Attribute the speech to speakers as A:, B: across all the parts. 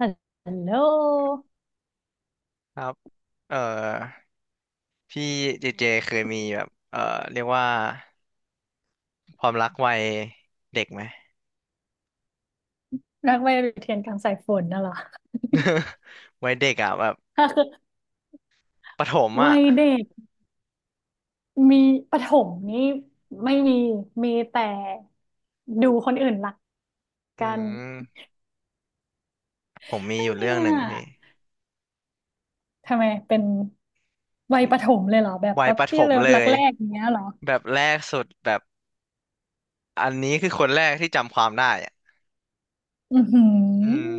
A: ฮัลโหล
B: ครับเอ่อพี่เจเจเคยมีแบบเรียกว่าความรักวัยเด็กไหม
A: นักไวเรียนกลางสายฝนน่ะเหรอ
B: วัยเด็กอ่ะแบบ
A: คือ
B: ประถม
A: วั
B: อ่ะ
A: ยเด็กมีประถมนี่ไม่มีมีแต่ดูคนอื่นรัก
B: อื
A: กัน
B: มผมมี
A: ไม่
B: อยู่
A: มี
B: เรื่องหนึ่ง
A: อ่ะ
B: พี่
A: ทำไมเป็นวัยประถมเลยเหรอแบบ
B: วัย
A: ป๊อป
B: ประถ
A: ปี้
B: ม
A: เลิฟ
B: เล
A: รัก
B: ย
A: แรกอย่างเงี้ยเหรอ
B: แบบแรกสุดแบบอันนี้คือคนแรกที่จำความได้อ่ะ
A: อือหื
B: อืม
A: อ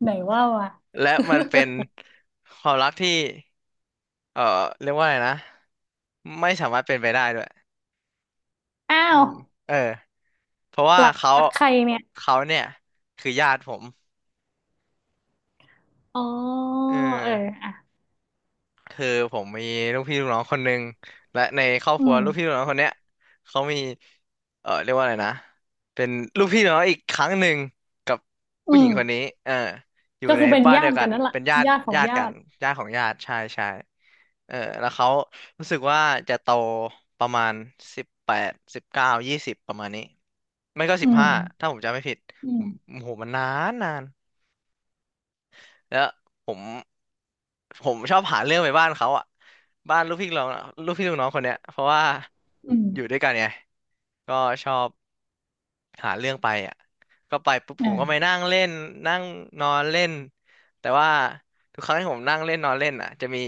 A: ไหนว่าว่ะ
B: และมันเป็น ความรักที่เอ่อเรียกว่าอะไรนะไม่สามารถเป็นไปได้ด้วย
A: อ้า
B: อื
A: ว
B: มเออเพราะว่า
A: รักใครเนี่ย
B: เขาเนี่ยคือญาติผม
A: อ๋อ
B: เออ
A: เอออ่ะ
B: คือผมมีลูกพี่ลูกน้องคนหนึ่งและในครอบ
A: อื
B: ครัว
A: ม
B: ลูกพี่ลูกน้องคนเนี้ยเขามีเออเรียกว่าอะไรนะเป็นลูกพี่ลูกน้องอีกครั้งหนึ่งกับ
A: อื
B: ผู้หญิงคน
A: ม
B: นี้เอออยู่
A: ก็
B: ใน
A: คือเป็น
B: บ้าน
A: ญา
B: เดียว
A: ติ
B: กั
A: กัน
B: น
A: นั่นแหละ
B: เป็นญาติ
A: ญาติของ
B: ญาติ
A: ญา
B: กัน
A: ติ
B: ญาติของญาติใช่ใช่เออแล้วเขารู้สึกว่าจะโตประมาณสิบแปดสิบเก้ายี่สิบประมาณนี้ไม่ก็สิ
A: อื
B: บ
A: ม
B: ห้าถ้าผมจำไม่ผิด
A: อื
B: ผม
A: ม
B: โอ้โหมันนานนาน แล้วผมผมชอบหาเรื่องไปบ้านเขาอ่ะบ้านลูกพี่ลูกน้องลูกพี่ลูกน้องคนเนี้ยเพราะว่า
A: อืม
B: อยู่ด้วยกันไงก็ชอบหาเรื่องไปอ่ะก็ไปปุ๊บผมก็ไป
A: อ่า
B: นั่งเล่นนั่งนอนเล่นแต่ว่าทุกครั้งที่ผมนั่งเล่นนอนเล่นอ่ะจะมี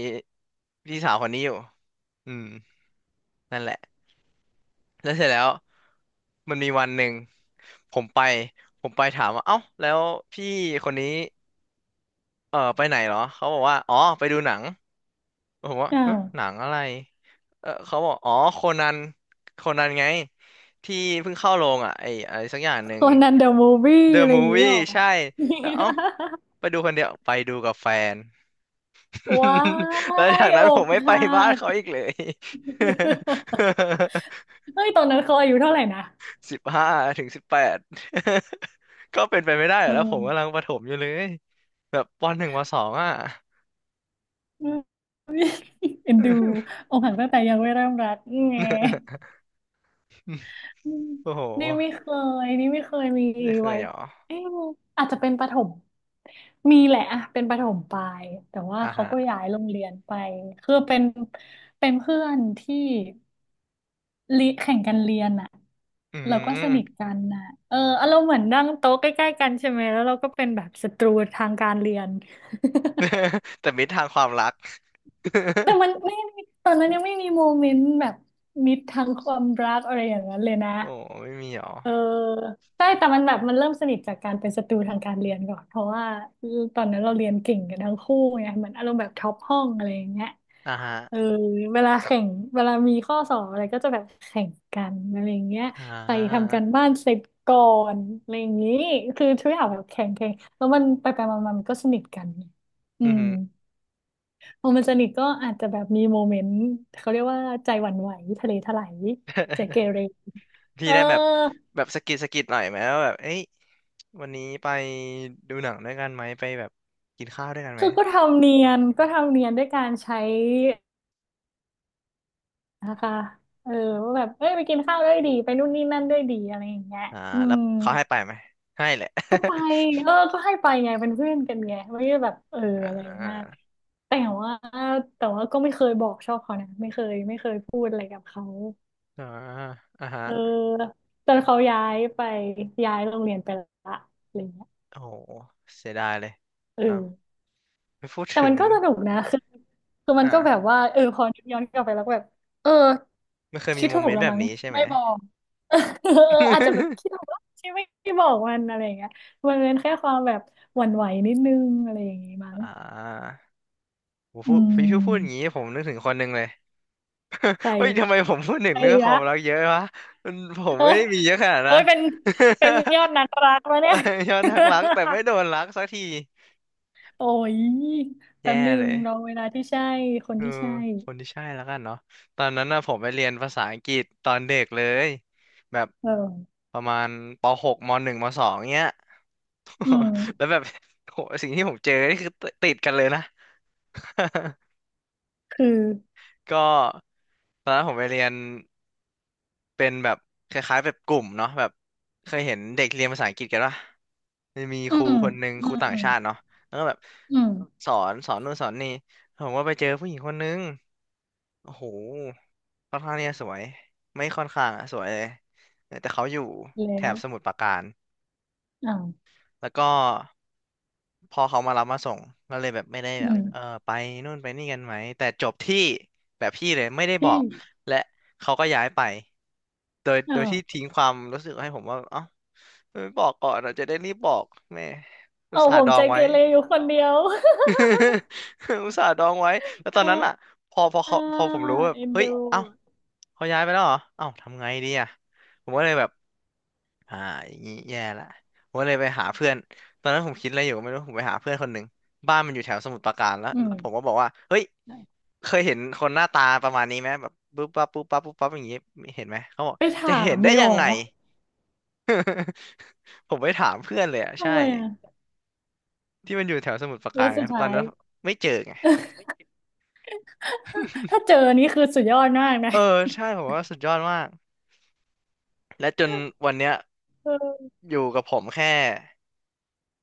B: พี่สาวคนนี้อยู่อืมนั่นแหละแล้วเสร็จแล้วมันมีวันหนึ่งผมไปผมไปถามว่าเอ้าแล้วพี่คนนี้เออไปไหนเหรอเขาบอกว่าอ๋อไปดูหนัง ผมว่า
A: อ่า
B: ฮะหนังอะไรเออเขาบอกอ๋อโคนันโคนันไงที่เพิ่งเข้าโรงอ่ะไอ้อะไรสักอย่างหนึ่
A: โค
B: ง
A: นันเดอะมูฟวี่
B: The
A: อะไรอย่างเงี้ย
B: Movie
A: หรอ
B: ใช่แล้วเอ้าไปดูคนเดียวไปดูกับแฟน
A: ว้า
B: แล้วจาก
A: ยอ
B: นั้นผม
A: ก
B: ไม่ไป
A: หั
B: บ้าน
A: ก
B: เขาอีกเลย
A: เฮ้ยตอนนั้นเขาอายุเท่าไหร่นะ
B: สิบห้าถึงสิบแปด ก็เป็นไปไม่ได้เหร
A: เอ
B: อแล้วผมกำลัง
A: อ
B: ประถมอยู่เลยแบบปหนึ่งปสองอ่ะ
A: อืมเอ็นดูอกหักตั้งแต่ยังไม่เริ่มรักไง อืม
B: โอ้โห
A: นี่ไม่เคยมี
B: ไม่เค
A: ไว้
B: ยเหรอ
A: เอ๊ะอาจจะเป็นประถมมีแหละอะเป็นประถมปลายแต่ว่า
B: อ่า
A: เขา
B: ฮะ
A: ก็ย้ายโรงเรียนไปคือเป็นเพื่อนที่ ลิแข่งกันเรียนอ่ะ
B: อื
A: เราก็สนิท
B: ม
A: กันน่ะเอออารมณ์เหมือนนั่งโต๊ะใกล้ๆกันใช่ไหมแล้วเราก็เป็นแบบศัตรูทางการเรียน
B: แต่มิตรทางความรัก
A: แต่มันไม่มีตอนนั้นยังไม่มีโมเมนต์แบบมิตรทางความรักอะไรอย่างนั้นเลยนะ
B: โอ้ไม่มีหรอ
A: เออใช่แต่มันแบบมันเริ่มสนิทจากการเป็นศัตรูทางการเรียนก่อนเพราะว่าตอนนั้นเราเรียนเก่งกันทั้งคู่ไงเหมือนอารมณ์แบบท็อปห้องอะไรอย่างเงี้ย
B: อ่าฮะ
A: เออเวลาแข่งเวลามีข้อสอบอะไรก็จะแบบแข่งกันอะไรอย่างเงี้ย
B: อ่
A: ใคร
B: า
A: ทำกานบ้านเสร็จก่อนอะไรอย่างงี้คือทุกอย่างแบบแข่งแล้วมันไปไปมามามันก็สนิทกันไงอื
B: อือ
A: ม
B: หือ
A: พอมันสนิทก็อาจจะแบบมีโมเมนต์เขาเรียกว่าใจหวั่นไหวทะเลถลายใจเก เร
B: พี่
A: เออ
B: ได้แบบแบบสะกิดหน่อยไหมว่าแบบเอ้ยวันนี้ไปดูหนังด้วยกันไหมไปแบบกินข้าวด้วยกันไหม
A: คือก็ทำเนียนด้วยการใช้นะคะเออว่าแบบเอ้ยไปกินข้าวด้วยดีไปนู่นนี่นั่นด้วยดีอะไรอย่างเงี้ย
B: อ่า
A: อื
B: แล้ว
A: ม
B: เขาให้ไปไหมให้แหละ
A: ก็ไป เออก็ให้ไปไงเป็นเพื่อนกันไงไม่ได้แบบเออ
B: อ่
A: อะไรมาก
B: า
A: แต่ว่าก็ไม่เคยบอกชอบเขานะไม่เคยพูดอะไรกับเขา
B: อ่าอ่าฮะ
A: เออจนเขาย้ายไปย้ายโรงเรียนไปละอะไรเงี้ย
B: โอ้โหเสียดายเลย
A: เอ
B: เนาะ
A: อ
B: ไม่พูด
A: แต่
B: ถึ
A: มัน
B: ง
A: ก็สนุกนะคือมันก็แบบ
B: อ่า
A: ว่าเออพอนึกย้อนกลับไปแล้วก็แบบ เออ
B: ไม่เคยมี
A: คิด
B: โม
A: ถู
B: เม
A: ก
B: นต์
A: แล้ว
B: แบบ
A: มั้ง
B: นี้ใช่ไหม
A: ไม่บอก เอออาจจะแบบคิดถูกว่าที่ไม่บอกมันอะไรอย่างเงี้ยมันเป็นแค่ความแบบหวั่นไหวนิดนึงอะไรอย่างงี้มั้ง
B: อ่าผม
A: อื
B: พี่พูดอย่างนี้
A: ม
B: ผมนึกถึงคนหนึ่งเลย
A: ใส่
B: เฮ้ย ทำไมผมพูดถึงเรื่องค
A: ละ
B: วามรักเยอะวะมันผม
A: เอ้
B: ไม่
A: ย
B: ได้มีเยอะขนาดนะ
A: เป็นยอดนักรักแล้วะเนี่ย
B: ยอดนักรัก แต่ไม่ โดนรักสักที
A: โอ้ยแป๊
B: แย่
A: บนึ
B: เล
A: ง
B: ย
A: รอเวลาที่ใช่คน
B: เออ
A: ที่ใช่
B: คนที่ใช่แล้วกันเนาะตอนนั้นน่ะผมไปเรียนภาษาอังกฤษตอนเด็กเลย แบบ
A: เออ
B: ประมาณป .6 ม .1 ม .2 เงี้ย
A: อืม
B: แล้วแบบโหสิ่งที่ผมเจอนี่คือติดกันเลยนะ
A: คือ
B: ก็ตอนนั้นผมไปเรียน เป็นแบบคล้ายๆแบบกลุ่มเนาะแบบเคยเห็นเด็กเรียนภาษาอังกฤษกันปะมันมี
A: อื
B: ครู
A: ม
B: คนหนึ่ง
A: อื
B: ครู
A: ม
B: ต่า
A: อื
B: ง
A: ม
B: ชาติเนาะแล้วก็แบบ
A: อืม
B: สอนนู่นสอนนี่ผมก็ไปเจอผู้หญิงคนนึงโอ้โหค่อนข้างเนี่ยสวยไม่ค่อนข้างอะสวยเลยแต่เขาอยู่
A: แล้
B: แถบส
A: ว
B: มุทรปราการ
A: อ้าว
B: แล้วก็พอเขามารับมาส่งก็เลยแบบไม่ได้
A: อื
B: แบบ
A: ม
B: เออไปนู่นไปนี่กันไหมแต่จบที่แบบพี่เลยไม่ได้บอ
A: ที่
B: กและเขาก็ย้ายไปโด
A: อ้า
B: ย
A: ว
B: ที่ทิ้งความรู้สึกให้ผมว่าเอ้าไม่บอกก่อนเราจะได้รีบบอกแม่อุต
A: เอา
B: ส่า
A: ผ
B: ห์
A: ม
B: ดอ
A: ใจ
B: ง
A: เก
B: ไว้
A: เรอยู่คนเดียว
B: อุตส่าห์ดองไว้แล้วตอนนั้นอ่ะ
A: อ่า
B: พอพอ
A: อ่า
B: เขาพอผมรู้แบบ
A: เอ็น
B: เฮ้ย
A: ดู
B: เอ้าเขาย้ายไปแล้วเหรอเอ้าทำไงดีอ่ะผมก็เลยแบบ อ่าอย่างงี้แย่ละผมก็เลยไปหาเพื่อนตอนนั้นผมคิดอะไรอยู่ก็ไม่รู้ผมไปหาเพื่อนคนหนึ่งบ้านมันอยู่แถวสมุทรปราการแล้ว
A: อื
B: ผมก็
A: ม
B: บอกว่าเฮ้ยเคยเห็นคนหน้าตาประมาณนี้ไหมแบบปุ๊บปั๊บปุ๊บปั๊บปุ๊บปั๊บอย่างงี้เห็นไหมเขาบอก
A: ไปถา
B: จะเห็
A: ม
B: นได้
A: เลยเห
B: ยั
A: รอ
B: งไงผมไปถามเพื่อนเลยอ่ะใช่
A: ทำไมอ่ะ
B: ที่มันอยู่แถวสมุทรปรากา
A: แล้
B: ร
A: ว
B: ไง
A: สุด
B: ตอ
A: ท้า
B: น
A: ย
B: นั้นไม่เจอไง
A: ถ้าเจอนี่คือสุดยอดมากนะ
B: เออใช่ผมว่าสุดยอดมากและจนวันเนี้ย
A: เออ
B: อยู่กับผมแค่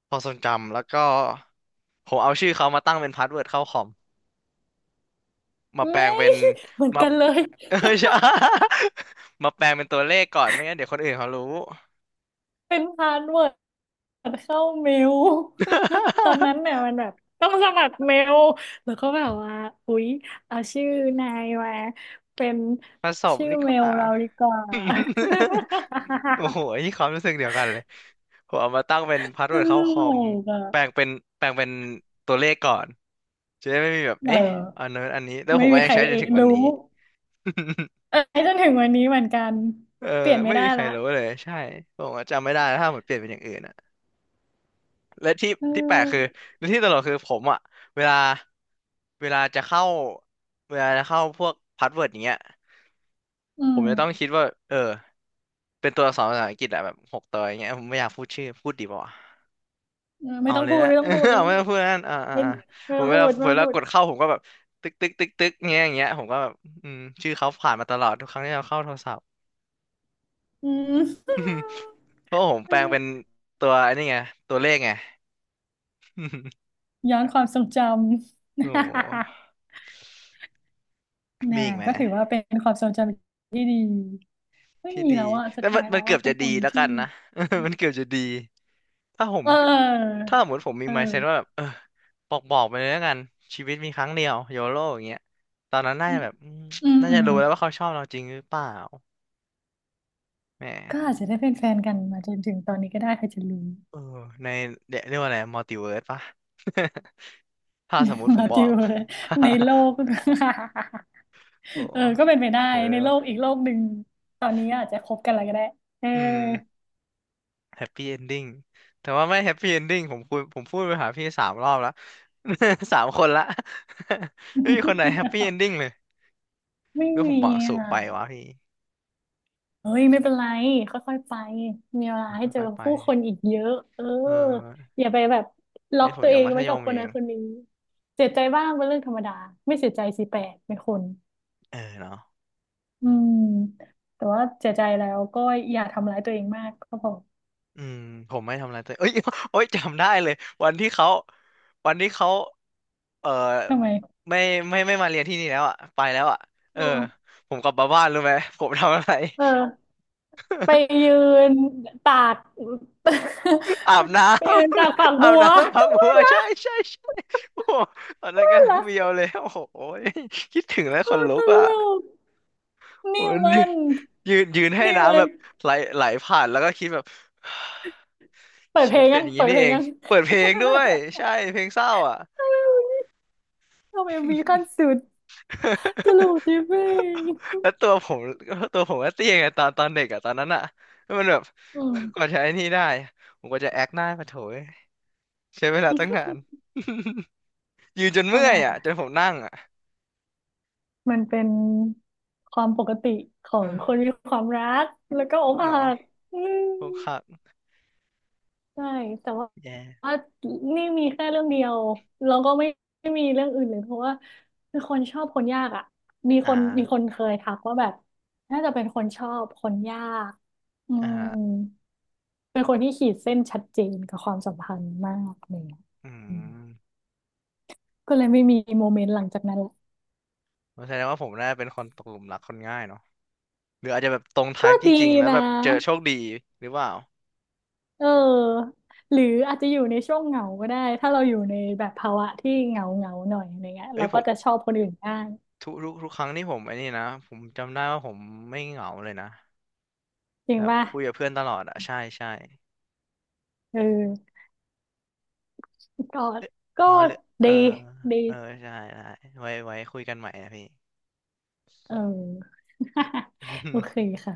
B: ความทรงจำแล้วก็ผมเอาชื่อเขามาตั้งเป็นพาสเวิร์ดเข้าคอม มา แปลง
A: ไม่
B: เป็น
A: เหมือน
B: มา
A: กันเลย
B: เออ ใช่ มาแปลงเป็นตัวเลขก่อนไม่งั้นเดี๋ยวคนอื่นเขารู้
A: เป็นพาสเวิร์ด สมัครเข้าเมล ตอนนั้นเนี่ยมันแบบต้องสมัครเมลแล้วก็แบบว่าอุ๊ยเอาชื่อนายมาเป็น
B: ผสม
A: ชื่อ
B: นี่ก
A: เมล
B: ว่า
A: เราดีกว่า
B: โอ้โหนี่ความรู้สึกเดียวกันเลยผมเอามาตั้งเป็นพาส
A: ต
B: เวิร์ดเข้า
A: ล
B: คอม
A: กอ่ะ
B: แปลงเป็นแปลงเป็นตัวเลขก่อนจะได้ไม่มีแบบ
A: เออ
B: เอ๊ะอันนั้นอันนี้แล้วผ
A: ไม่
B: มก็
A: มี
B: ยั
A: ใค
B: ง
A: ร
B: ใช้จน
A: เอะ
B: ถึงวัน
A: รู้
B: นี้
A: เอ อจนถึงวันนี้เหมือนกัน
B: เออ
A: เปลี่ยนไม่
B: ไม่
A: ได้
B: มีใคร
A: ละ
B: รู้เลยใช่ผมก็จำไม่ได้แล้วถ้าผมเปลี่ยนเป็นอย่างอื่นอะ และที่
A: เอ
B: ที่แปลกคือ
A: อ
B: และที่ตลกคือผมอ่ะเวลาเวลาจะเข้าเวลาจะเข้าพวกพาสเวิร์ดอย่างเงี้ย
A: อื
B: ผ
A: ม
B: มจะต้องคิดว่าเออเป็นตัวอักษรภาษาอังกฤษอะแบบหกตัวอย่างเงี้ยผมไม่อยากพูดชื่อพูดดีป่าวะ
A: เออไม่
B: เอา
A: ต้อง
B: เลย
A: พูด
B: นะ
A: ไม่ต้องพูด
B: เอาไม่ต้องพูดนั่น
A: ไม่
B: ผม
A: พูด
B: เวลากดเข้าผมก็แบบตึกตึกตึกตึกเงี้ยอย่างเงี้ยผมก็แบบชื่อเขาผ่านมาตลอดทุกครั้งที่เราเข้าโทรศัพท์
A: อืม
B: เพราะผมแปลงเป็น ตัวไอันนี้ไงตัวเลขไง
A: ย้อนความทรงจ
B: โอ้โห
A: ำ แน่ะ
B: มีอีกไหม
A: ก็ถือว่าเป็นความทรงจำที่ดีไม่
B: ที่
A: มี
B: ดี
A: แล้วอะสุ
B: แล้
A: ด
B: วมั
A: ท้า
B: น
A: ย
B: มั
A: แล้
B: น
A: ว
B: เกือ
A: ว่า
B: บ
A: เป็
B: จะ
A: นค
B: ดี
A: น
B: แล้วกัน
A: ที่
B: นะ มันเกือบจะดี ถ้าผม
A: เออ
B: ถ้าสมมติผมมี
A: เ
B: mindset ว่า
A: ออ
B: แบบเออบอกไปเลยแล้วกัน ชีวิตมีครั้งเดียวโยโ o อย่างเงี้ยตอนนั้นน่า
A: อื
B: จะ
A: ม
B: แบบอืม
A: อืม
B: น่าจะรู้แล้วว่าเขาชอบเราจริงหรือเปล่าแหม
A: ก็อาจจะได้เป็นแฟนกันมาจนถึงตอนนี้ก็ได้ใครจะรู้
B: เออในเรียกว่าอะไรมัลติเวิร์สปะ ถ้าสมมติ ผ
A: มา
B: มบอ
A: ติ
B: ก
A: วเลยใน โลก
B: โอ้
A: เออก็เป็นไปได้
B: เออ
A: ในโลก
B: ว่ะ
A: อีกโลกหนึ่งตอนนี้อาจจะคบกันอะไรก็ได้เออ
B: อืม แฮปปี้เอนดิ้งแต่ว่าไม่แฮปปี้เอนดิ้งผมคุยผมพูดไปหาพี่สามรอบแล้ว สามคนละ ไม่มีคนไหนแฮปปี้เอนดิ้ง เลย
A: ไม่
B: ก็ผ
A: มี
B: มหวัง
A: อ
B: สูงไปวะ
A: ่ะ
B: พี่
A: เฮ้ยไม่เป็นไรค่อยๆไปมีเวลาให้เจอ
B: ค่อยๆไป
A: ผู้คนอีกเยอะเออ
B: เออ
A: อย่าไปแบบล็
B: ไอ้
A: อก
B: ผม
A: ตัว
B: ยั
A: เอ
B: ง
A: ง
B: มัธ
A: ไว้
B: ย
A: กับ
B: ม
A: ค
B: อยู่
A: น
B: เอ
A: นั้
B: ง
A: นคนนี้เสียใจบ้างเป็นเรื่องธรรมดาไม่เสียใจสิแปลกไม่คน
B: เออเนาะ
A: อืมแต่ว่าเสียใจแล้วก็อย่าทำร้ายตัวเองมากก็พอ
B: อืมผมไม่ทำอะไรแต่เอ้ย โอ้ย จำได้เลยวันที่เขาวันที่เขา เออ
A: ทำไม
B: ไม่ไม่ไม่มาเรียนที่นี่แล้วอ่ะไปแล้วอ่ะ
A: เ
B: เออ
A: ออ
B: ผมกลับมาบ้านรู้ไหม ผมทำอะไร
A: เออไปยืนตาก
B: อา บน้ำ
A: ไปยืนตากฝัก
B: อา
A: บั
B: บ
A: ว
B: น้ำพัก บั
A: ว่า
B: ว
A: ละ
B: ใช่ใช่ใช่โอ้โหตอนนั้น
A: ว่า
B: กำลัง
A: ละ
B: เบียวเลยโอ้โหยคิดถึงแล้วข
A: โอ้
B: นลุ
A: ต
B: กอ่ะ
A: ลก
B: โอ้
A: นี่
B: ย
A: มัน
B: ยืนให้
A: นี่
B: น้ำ
A: มั
B: แบ
A: น
B: บไหลไหลผ่านแล้วก็คิดแบบ
A: เปิ ด
B: ชี
A: เพ
B: วิ
A: ล
B: ต
A: ง
B: เป็
A: ยั
B: น
A: ง
B: อย่าง
A: เปิ
B: นี้
A: ด
B: นี่
A: เพล
B: เอ
A: ง
B: ง
A: ยัง
B: เปิดเพลงด้วยใช่เพลงเศร้าอ่ะ
A: ทำไม มีขั้นสุดตลก ดิบเอง
B: แล้วตัวผมก็เตี้ยไงตอนเด็กอ่ะตอนนั้นอ่ะแล้วมันแบบ
A: อื
B: กว่า
A: ม
B: จะไอ้นี่ได้ผมก็จะแอคหน้ามาโถยใช้เวลาตั้งนาน ยืนจน
A: เอา
B: เมื่อ
A: แน่
B: ยอ่ะจนผมนั่งอ่ะ
A: มันเป็นความปกติขอ งคน
B: เออ
A: มีความรักแล้วก็อก
B: เนาะ
A: หักอืม
B: พวกครับ
A: ใช่แต่ว่า
B: แย่
A: ว่านี่มีแค่เรื่องเดียวแล้วก็ไม่มีเรื่องอื่นเลยเพราะว่าคือคนชอบคนยากอ่ะมีค
B: อ่า
A: นเคยทักว่าแบบน่าจะเป็นคนชอบคนยากอื
B: อ่า
A: ม
B: ฮะ
A: เป็นคนที่ขีดเส้นชัดเจนกับความสัมพันธ์มากเลยอะ
B: อื
A: อืม
B: ม
A: ก็เลยไม่มีโมเมนต์หลังจากนั้นละ
B: แสดงว่าผมน่าเป็นคนตกหลุมรักคนง่ายเนาะหรืออาจจะแบบตรงไท
A: ก็
B: ป์จ
A: ดี
B: ริงๆแล้ว
A: นะ
B: แบบเจอโชคดีหรือเปล่า
A: เออหรืออาจจะอยู่ในช่วงเหงาก็ได้ ถ้าเราอยู่ในแบบภาวะที่เหงาเหงาหน่อยอะไรเงี้ย
B: เอ้
A: เรา
B: ยผ
A: ก็
B: ม
A: จะชอบคนอื่นง้าง
B: ทุกครั้งที่ผมไอ้นี่นะผมจำได้ว่าผมไม่เหงาเลยนะ
A: จริ
B: แบ
A: ง
B: บ
A: ป่ะ
B: คุยกับเพื่อนตลอดอะใช่ใช่
A: เออก็
B: เอ๊ะ
A: ก็
B: อ๋อเหรือเอ
A: ดี
B: อ
A: ดี
B: เออใช่ได้ไว้คุยกันใหม่นะพี่
A: เออ โอเคค่ะ